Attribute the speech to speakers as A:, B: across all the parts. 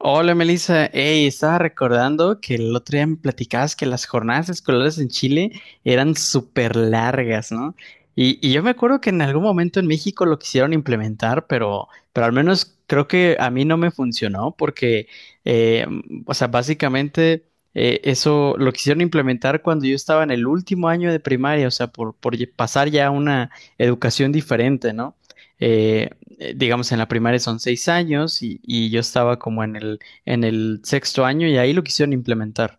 A: Hola Melissa, ey, estaba recordando que el otro día me platicabas que las jornadas escolares en Chile eran súper largas, ¿no? Y yo me acuerdo que en algún momento en México lo quisieron implementar, pero al menos creo que a mí no me funcionó porque o sea, básicamente eso lo quisieron implementar cuando yo estaba en el último año de primaria, o sea, por pasar ya a una educación diferente, ¿no? Eh, digamos, en la primaria son 6 años y yo estaba como en el sexto año y ahí lo quisieron implementar.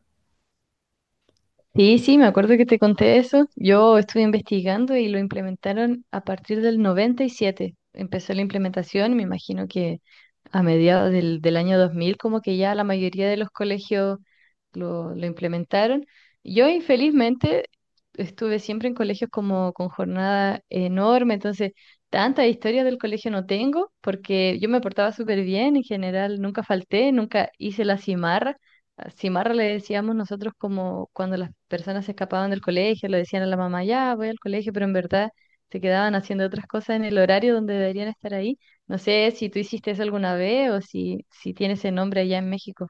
B: Sí, sí, me acuerdo que te conté eso. Yo estuve investigando y lo implementaron a partir del 97. Empezó la implementación, me imagino que a mediados del año 2000, como que ya la mayoría de los colegios lo implementaron. Yo, infelizmente, estuve siempre en colegios como con jornada enorme, entonces tanta historia del colegio no tengo, porque yo me portaba súper bien en general, nunca falté, nunca hice la cimarra. Cimarra le decíamos nosotros como cuando las personas se escapaban del colegio, le decían a la mamá, ya voy al colegio, pero en verdad se quedaban haciendo otras cosas en el horario donde deberían estar ahí. No sé si tú hiciste eso alguna vez o si tiene ese nombre allá en México.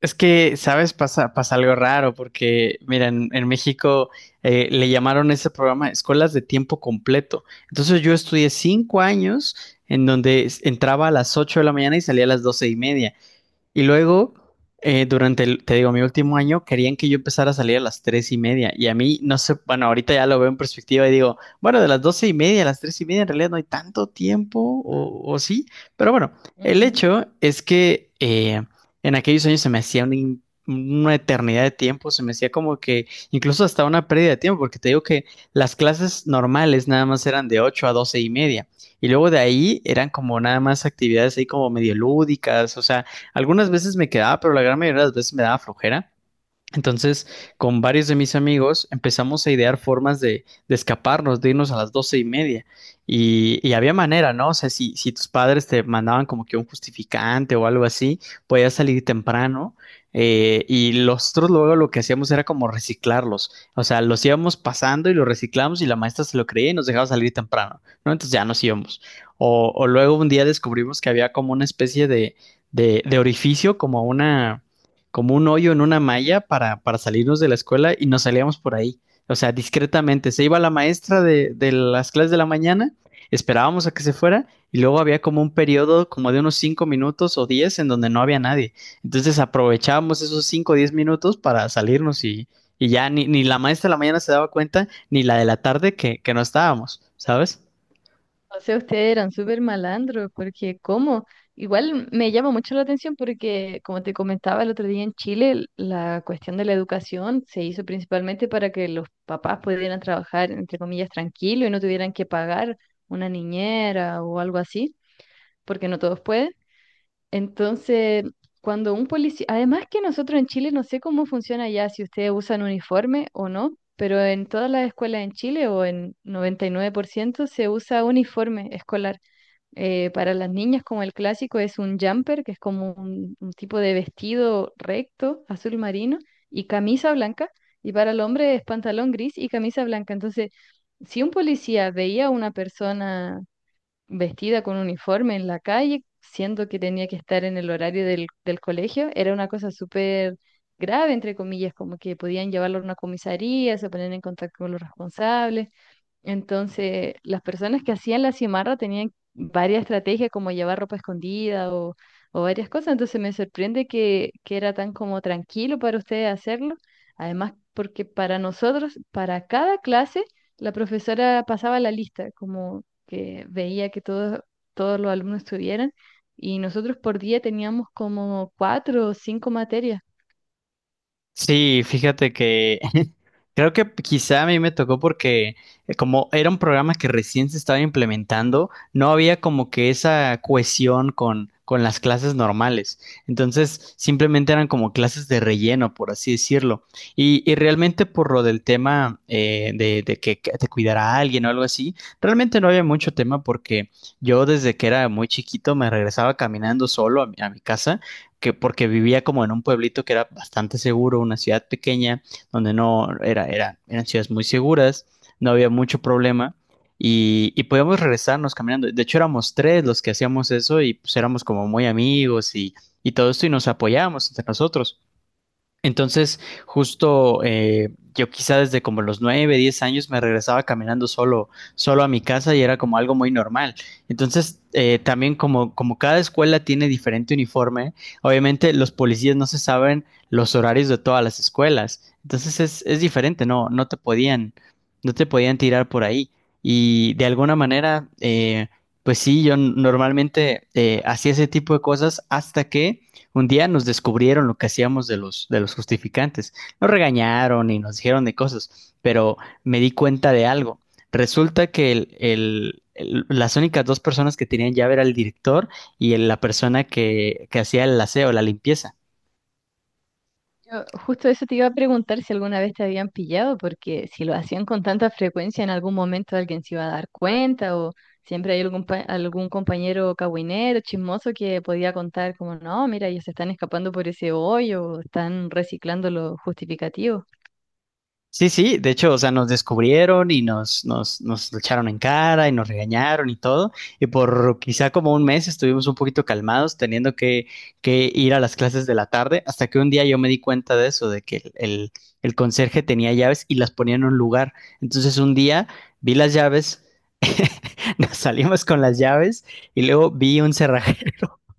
A: Es que, ¿sabes? Pasa, pasa algo raro porque, mira, en México le llamaron ese programa escuelas de tiempo completo. Entonces yo estudié 5 años en donde entraba a las 8 de la mañana y salía a las 12:30. Y luego, durante te digo, mi último año, querían que yo empezara a salir a las 3:30. Y a mí, no sé, bueno, ahorita ya lo veo en perspectiva y digo, bueno, de las 12:30 a las 3:30 en realidad no hay tanto tiempo, o sí. Pero bueno, el
B: Ujú.
A: hecho es que en aquellos años se me hacía una eternidad de tiempo, se me hacía como que incluso hasta una pérdida de tiempo, porque te digo que las clases normales nada más eran de 8 a 12:30. Y luego de ahí eran como nada más actividades ahí como medio lúdicas, o sea, algunas veces me quedaba, pero la gran mayoría de las veces me daba flojera. Entonces, con varios de mis amigos empezamos a idear formas de escaparnos, de irnos a las 12:30. Y había manera, ¿no? O sea, si tus padres te mandaban como que un justificante o algo así, podías salir temprano. Y nosotros luego lo que hacíamos era como reciclarlos. O sea, los íbamos pasando y los reciclamos y la maestra se lo creía y nos dejaba salir temprano, ¿no? Entonces ya nos íbamos. O luego un día descubrimos que había como una especie de, de orificio, como una como un hoyo en una malla para salirnos de la escuela y nos salíamos por ahí. O sea, discretamente. Se iba la maestra de las clases de la mañana, esperábamos a que se fuera y luego había como un periodo como de unos 5 minutos o 10 en donde no había nadie. Entonces aprovechábamos esos 5 o 10 minutos para salirnos y ya ni, ni la maestra de la mañana se daba cuenta, ni la de la tarde que no estábamos, ¿sabes?
B: O sea, ustedes eran súper malandros, porque ¿cómo? Igual me llama mucho la atención porque, como te comentaba el otro día en Chile, la cuestión de la educación se hizo principalmente para que los papás pudieran trabajar, entre comillas, tranquilo y no tuvieran que pagar una niñera o algo así, porque no todos pueden. Entonces, cuando un policía, además que nosotros en Chile, no sé cómo funciona ya, si ustedes usan uniforme o no. Pero en todas las escuelas en Chile o en 99% se usa uniforme escolar. Para las niñas, como el clásico, es un jumper, que es como un tipo de vestido recto, azul marino, y camisa blanca. Y para el hombre es pantalón gris y camisa blanca. Entonces, si un policía veía a una persona vestida con uniforme en la calle, siendo que tenía que estar en el horario del colegio, era una cosa súper grave, entre comillas, como que podían llevarlo a una comisaría, se ponían en contacto con los responsables. Entonces, las personas que hacían la cimarra tenían varias estrategias como llevar ropa escondida o varias cosas. Entonces, me sorprende que era tan como tranquilo para ustedes hacerlo. Además, porque para nosotros, para cada clase, la profesora pasaba la lista, como que veía que todos, todos los alumnos estuvieran. Y nosotros por día teníamos como cuatro o cinco materias.
A: Sí, fíjate que creo que quizá a mí me tocó porque como era un programa que recién se estaba implementando, no había como que esa cohesión con las clases normales. Entonces, simplemente eran como clases de relleno, por así decirlo. Y realmente por lo del tema de, de que te cuidara alguien o algo así, realmente no había mucho tema porque yo desde que era muy chiquito me regresaba caminando solo a mi casa que porque vivía como en un pueblito que era bastante seguro, una ciudad pequeña, donde no era, era, eran ciudades muy seguras, no había mucho problema y podíamos regresarnos caminando. De hecho, éramos tres los que hacíamos eso y pues éramos como muy amigos y todo esto y nos apoyábamos entre nosotros. Entonces, justo yo quizá desde como los 9 10 años me regresaba caminando solo a mi casa y era como algo muy normal. Entonces, también como, como cada escuela tiene diferente uniforme, obviamente los policías no se saben los horarios de todas las escuelas. Entonces es diferente, no te podían tirar por ahí. Y de alguna manera, pues sí, yo normalmente hacía ese tipo de cosas hasta que un día nos descubrieron lo que hacíamos de los justificantes. Nos regañaron y nos dijeron de cosas, pero me di cuenta de algo. Resulta que el- las únicas dos personas que tenían llave era el director y la persona que hacía el aseo, la limpieza.
B: Yo justo eso te iba a preguntar si alguna vez te habían pillado, porque si lo hacían con tanta frecuencia, en algún momento alguien se iba a dar cuenta o siempre hay algún, algún compañero cahuinero, chismoso que podía contar como, no, mira, ellos se están escapando por ese hoyo o están reciclando los justificativos.
A: Sí, sí, de hecho, o sea, nos descubrieron y nos lo echaron en cara y nos regañaron y todo. Y por quizá como un mes estuvimos un poquito calmados, teniendo que ir a las clases de la tarde, hasta que un día yo me di cuenta de eso, de que el conserje tenía llaves y las ponía en un lugar. Entonces un día vi las llaves, nos salimos con las llaves y luego vi un cerrajero.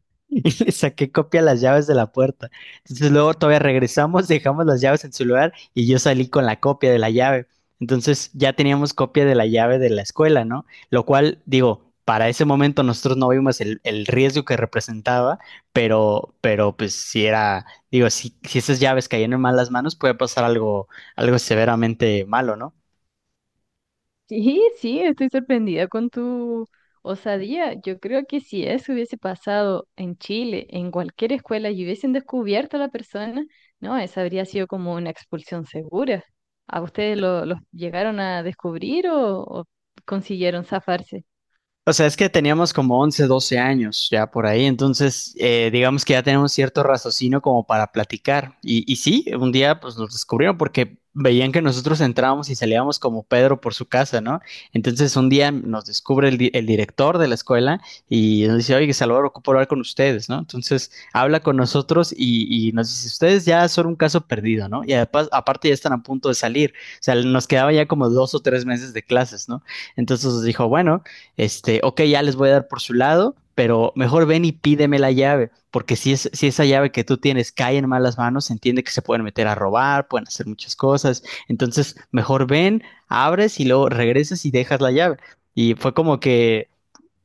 A: Y le saqué copia a las llaves de la puerta. Entonces luego todavía regresamos, dejamos las llaves en su lugar y yo salí con la copia de la llave. Entonces ya teníamos copia de la llave de la escuela, ¿no? Lo cual, digo, para ese momento nosotros no vimos el riesgo que representaba, pero pues si era, digo, si esas llaves caían en malas manos, puede pasar algo, algo severamente malo, ¿no?
B: Sí, sí, estoy sorprendida con tu osadía. Yo creo que si eso hubiese pasado en Chile, en cualquier escuela, y hubiesen descubierto a la persona, no, esa habría sido como una expulsión segura. ¿A ustedes lo, los llegaron a descubrir o consiguieron zafarse?
A: O sea, es que teníamos como 11, 12 años ya por ahí, entonces digamos que ya tenemos cierto raciocinio como para platicar. Y sí, un día pues nos descubrieron porque veían que nosotros entrábamos y salíamos como Pedro por su casa, ¿no? Entonces un día nos descubre el director de la escuela y nos dice, oye, Salvador, ocupo hablar con ustedes, ¿no? Entonces habla con nosotros y nos dice, ustedes ya son un caso perdido, ¿no? Y además, aparte ya están a punto de salir, o sea, nos quedaba ya como 2 o 3 meses de clases, ¿no? Entonces nos dijo, bueno, este, ok, ya les voy a dar por su lado, pero mejor ven y pídeme la llave, porque si, es, si esa llave que tú tienes cae en malas manos, se entiende que se pueden meter a robar, pueden hacer muchas cosas, entonces mejor ven, abres y luego regresas y dejas la llave. Y fue como que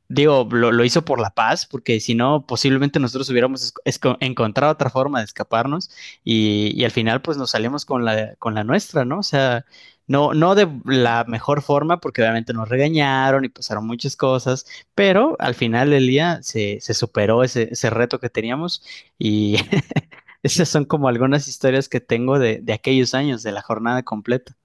A: digo, hizo por la paz, porque si no, posiblemente nosotros hubiéramos encontrado otra forma de escaparnos y al final pues nos salimos con la nuestra, ¿no? O sea, no de la mejor forma, porque obviamente nos regañaron y pasaron muchas cosas, pero al final del día se superó ese reto que teníamos y esas son como algunas historias que tengo de aquellos años, de la jornada completa.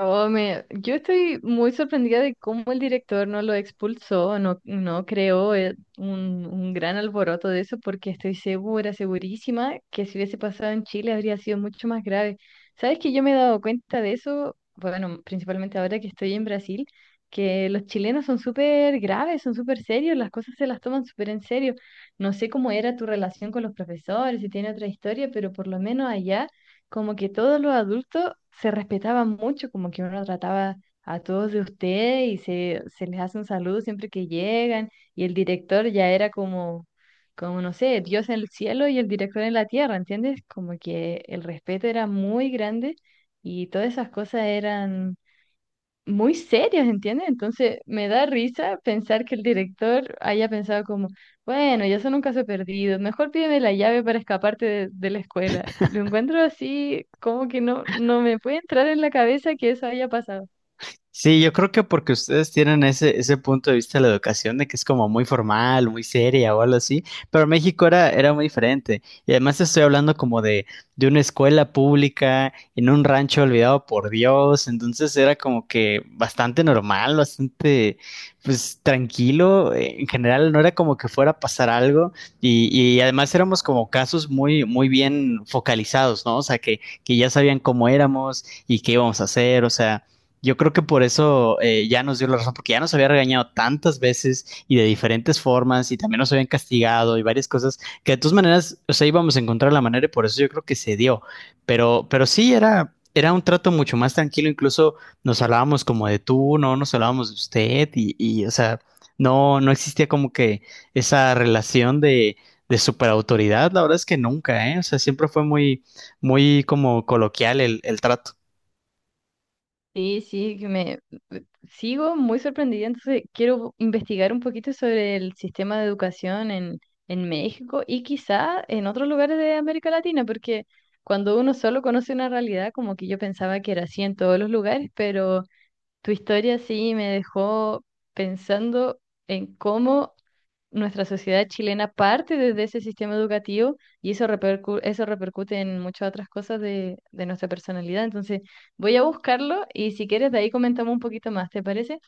B: Oh, yo estoy muy sorprendida de cómo el director no lo expulsó, no, no creó un gran alboroto de eso, porque estoy segura, segurísima, que si hubiese pasado en Chile habría sido mucho más grave. ¿Sabes que yo me he dado cuenta de eso? Bueno, principalmente ahora que estoy en Brasil, que los chilenos son súper graves, son súper serios, las cosas se las toman súper en serio. No sé cómo era tu relación con los profesores, si tiene otra historia, pero por lo menos allá como que todos los adultos se respetaban mucho, como que uno trataba a todos de usted y se les hace un saludo siempre que llegan y el director ya era como, como no sé, Dios en el cielo y el director en la tierra, ¿entiendes? Como que el respeto era muy grande y todas esas cosas eran muy serios, ¿entiendes? Entonces me da risa pensar que el director haya pensado como, bueno, ya son un caso perdido, mejor pídeme la llave para escaparte de la escuela. Lo encuentro así, como que no, no me puede entrar en la cabeza que eso haya pasado.
A: Sí, yo creo que porque ustedes tienen ese punto de vista de la educación de que es como muy formal, muy seria o algo así, pero México era muy diferente. Y además estoy hablando como de una escuela pública en un rancho olvidado por Dios, entonces era como que bastante normal, bastante pues tranquilo, en general no era como que fuera a pasar algo y además éramos como casos muy, muy bien focalizados, ¿no? O sea, que ya sabían cómo éramos y qué íbamos a hacer, o sea yo creo que por eso ya nos dio la razón, porque ya nos había regañado tantas veces y de diferentes formas y también nos habían castigado y varias cosas que de todas maneras, o sea, íbamos a encontrar la manera y por eso yo creo que se dio. Pero sí era un trato mucho más tranquilo, incluso nos hablábamos como de tú, no nos hablábamos de usted y o sea, no existía como que esa relación de superautoridad, la verdad es que nunca, ¿eh? O sea, siempre fue muy, muy como coloquial el trato.
B: Sí, sí, que me eh, sigo muy sorprendida, entonces quiero investigar un poquito sobre el sistema de educación en México y quizá en otros lugares de América Latina, porque cuando uno solo conoce una realidad, como que yo pensaba que era así en todos los lugares, pero tu historia sí me dejó pensando en cómo nuestra sociedad chilena parte desde ese sistema educativo y eso eso repercute en muchas otras cosas de nuestra personalidad. Entonces, voy a buscarlo y si quieres de ahí comentamos un poquito más, ¿te parece?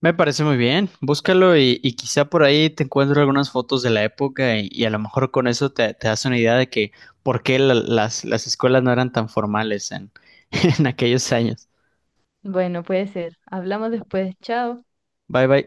A: Me parece muy bien, búscalo y quizá por ahí te encuentro algunas fotos de la época y a lo mejor con eso te das una idea de que por qué las escuelas no eran tan formales en aquellos años.
B: Bueno, puede ser. Hablamos después. Chao.
A: Bye bye.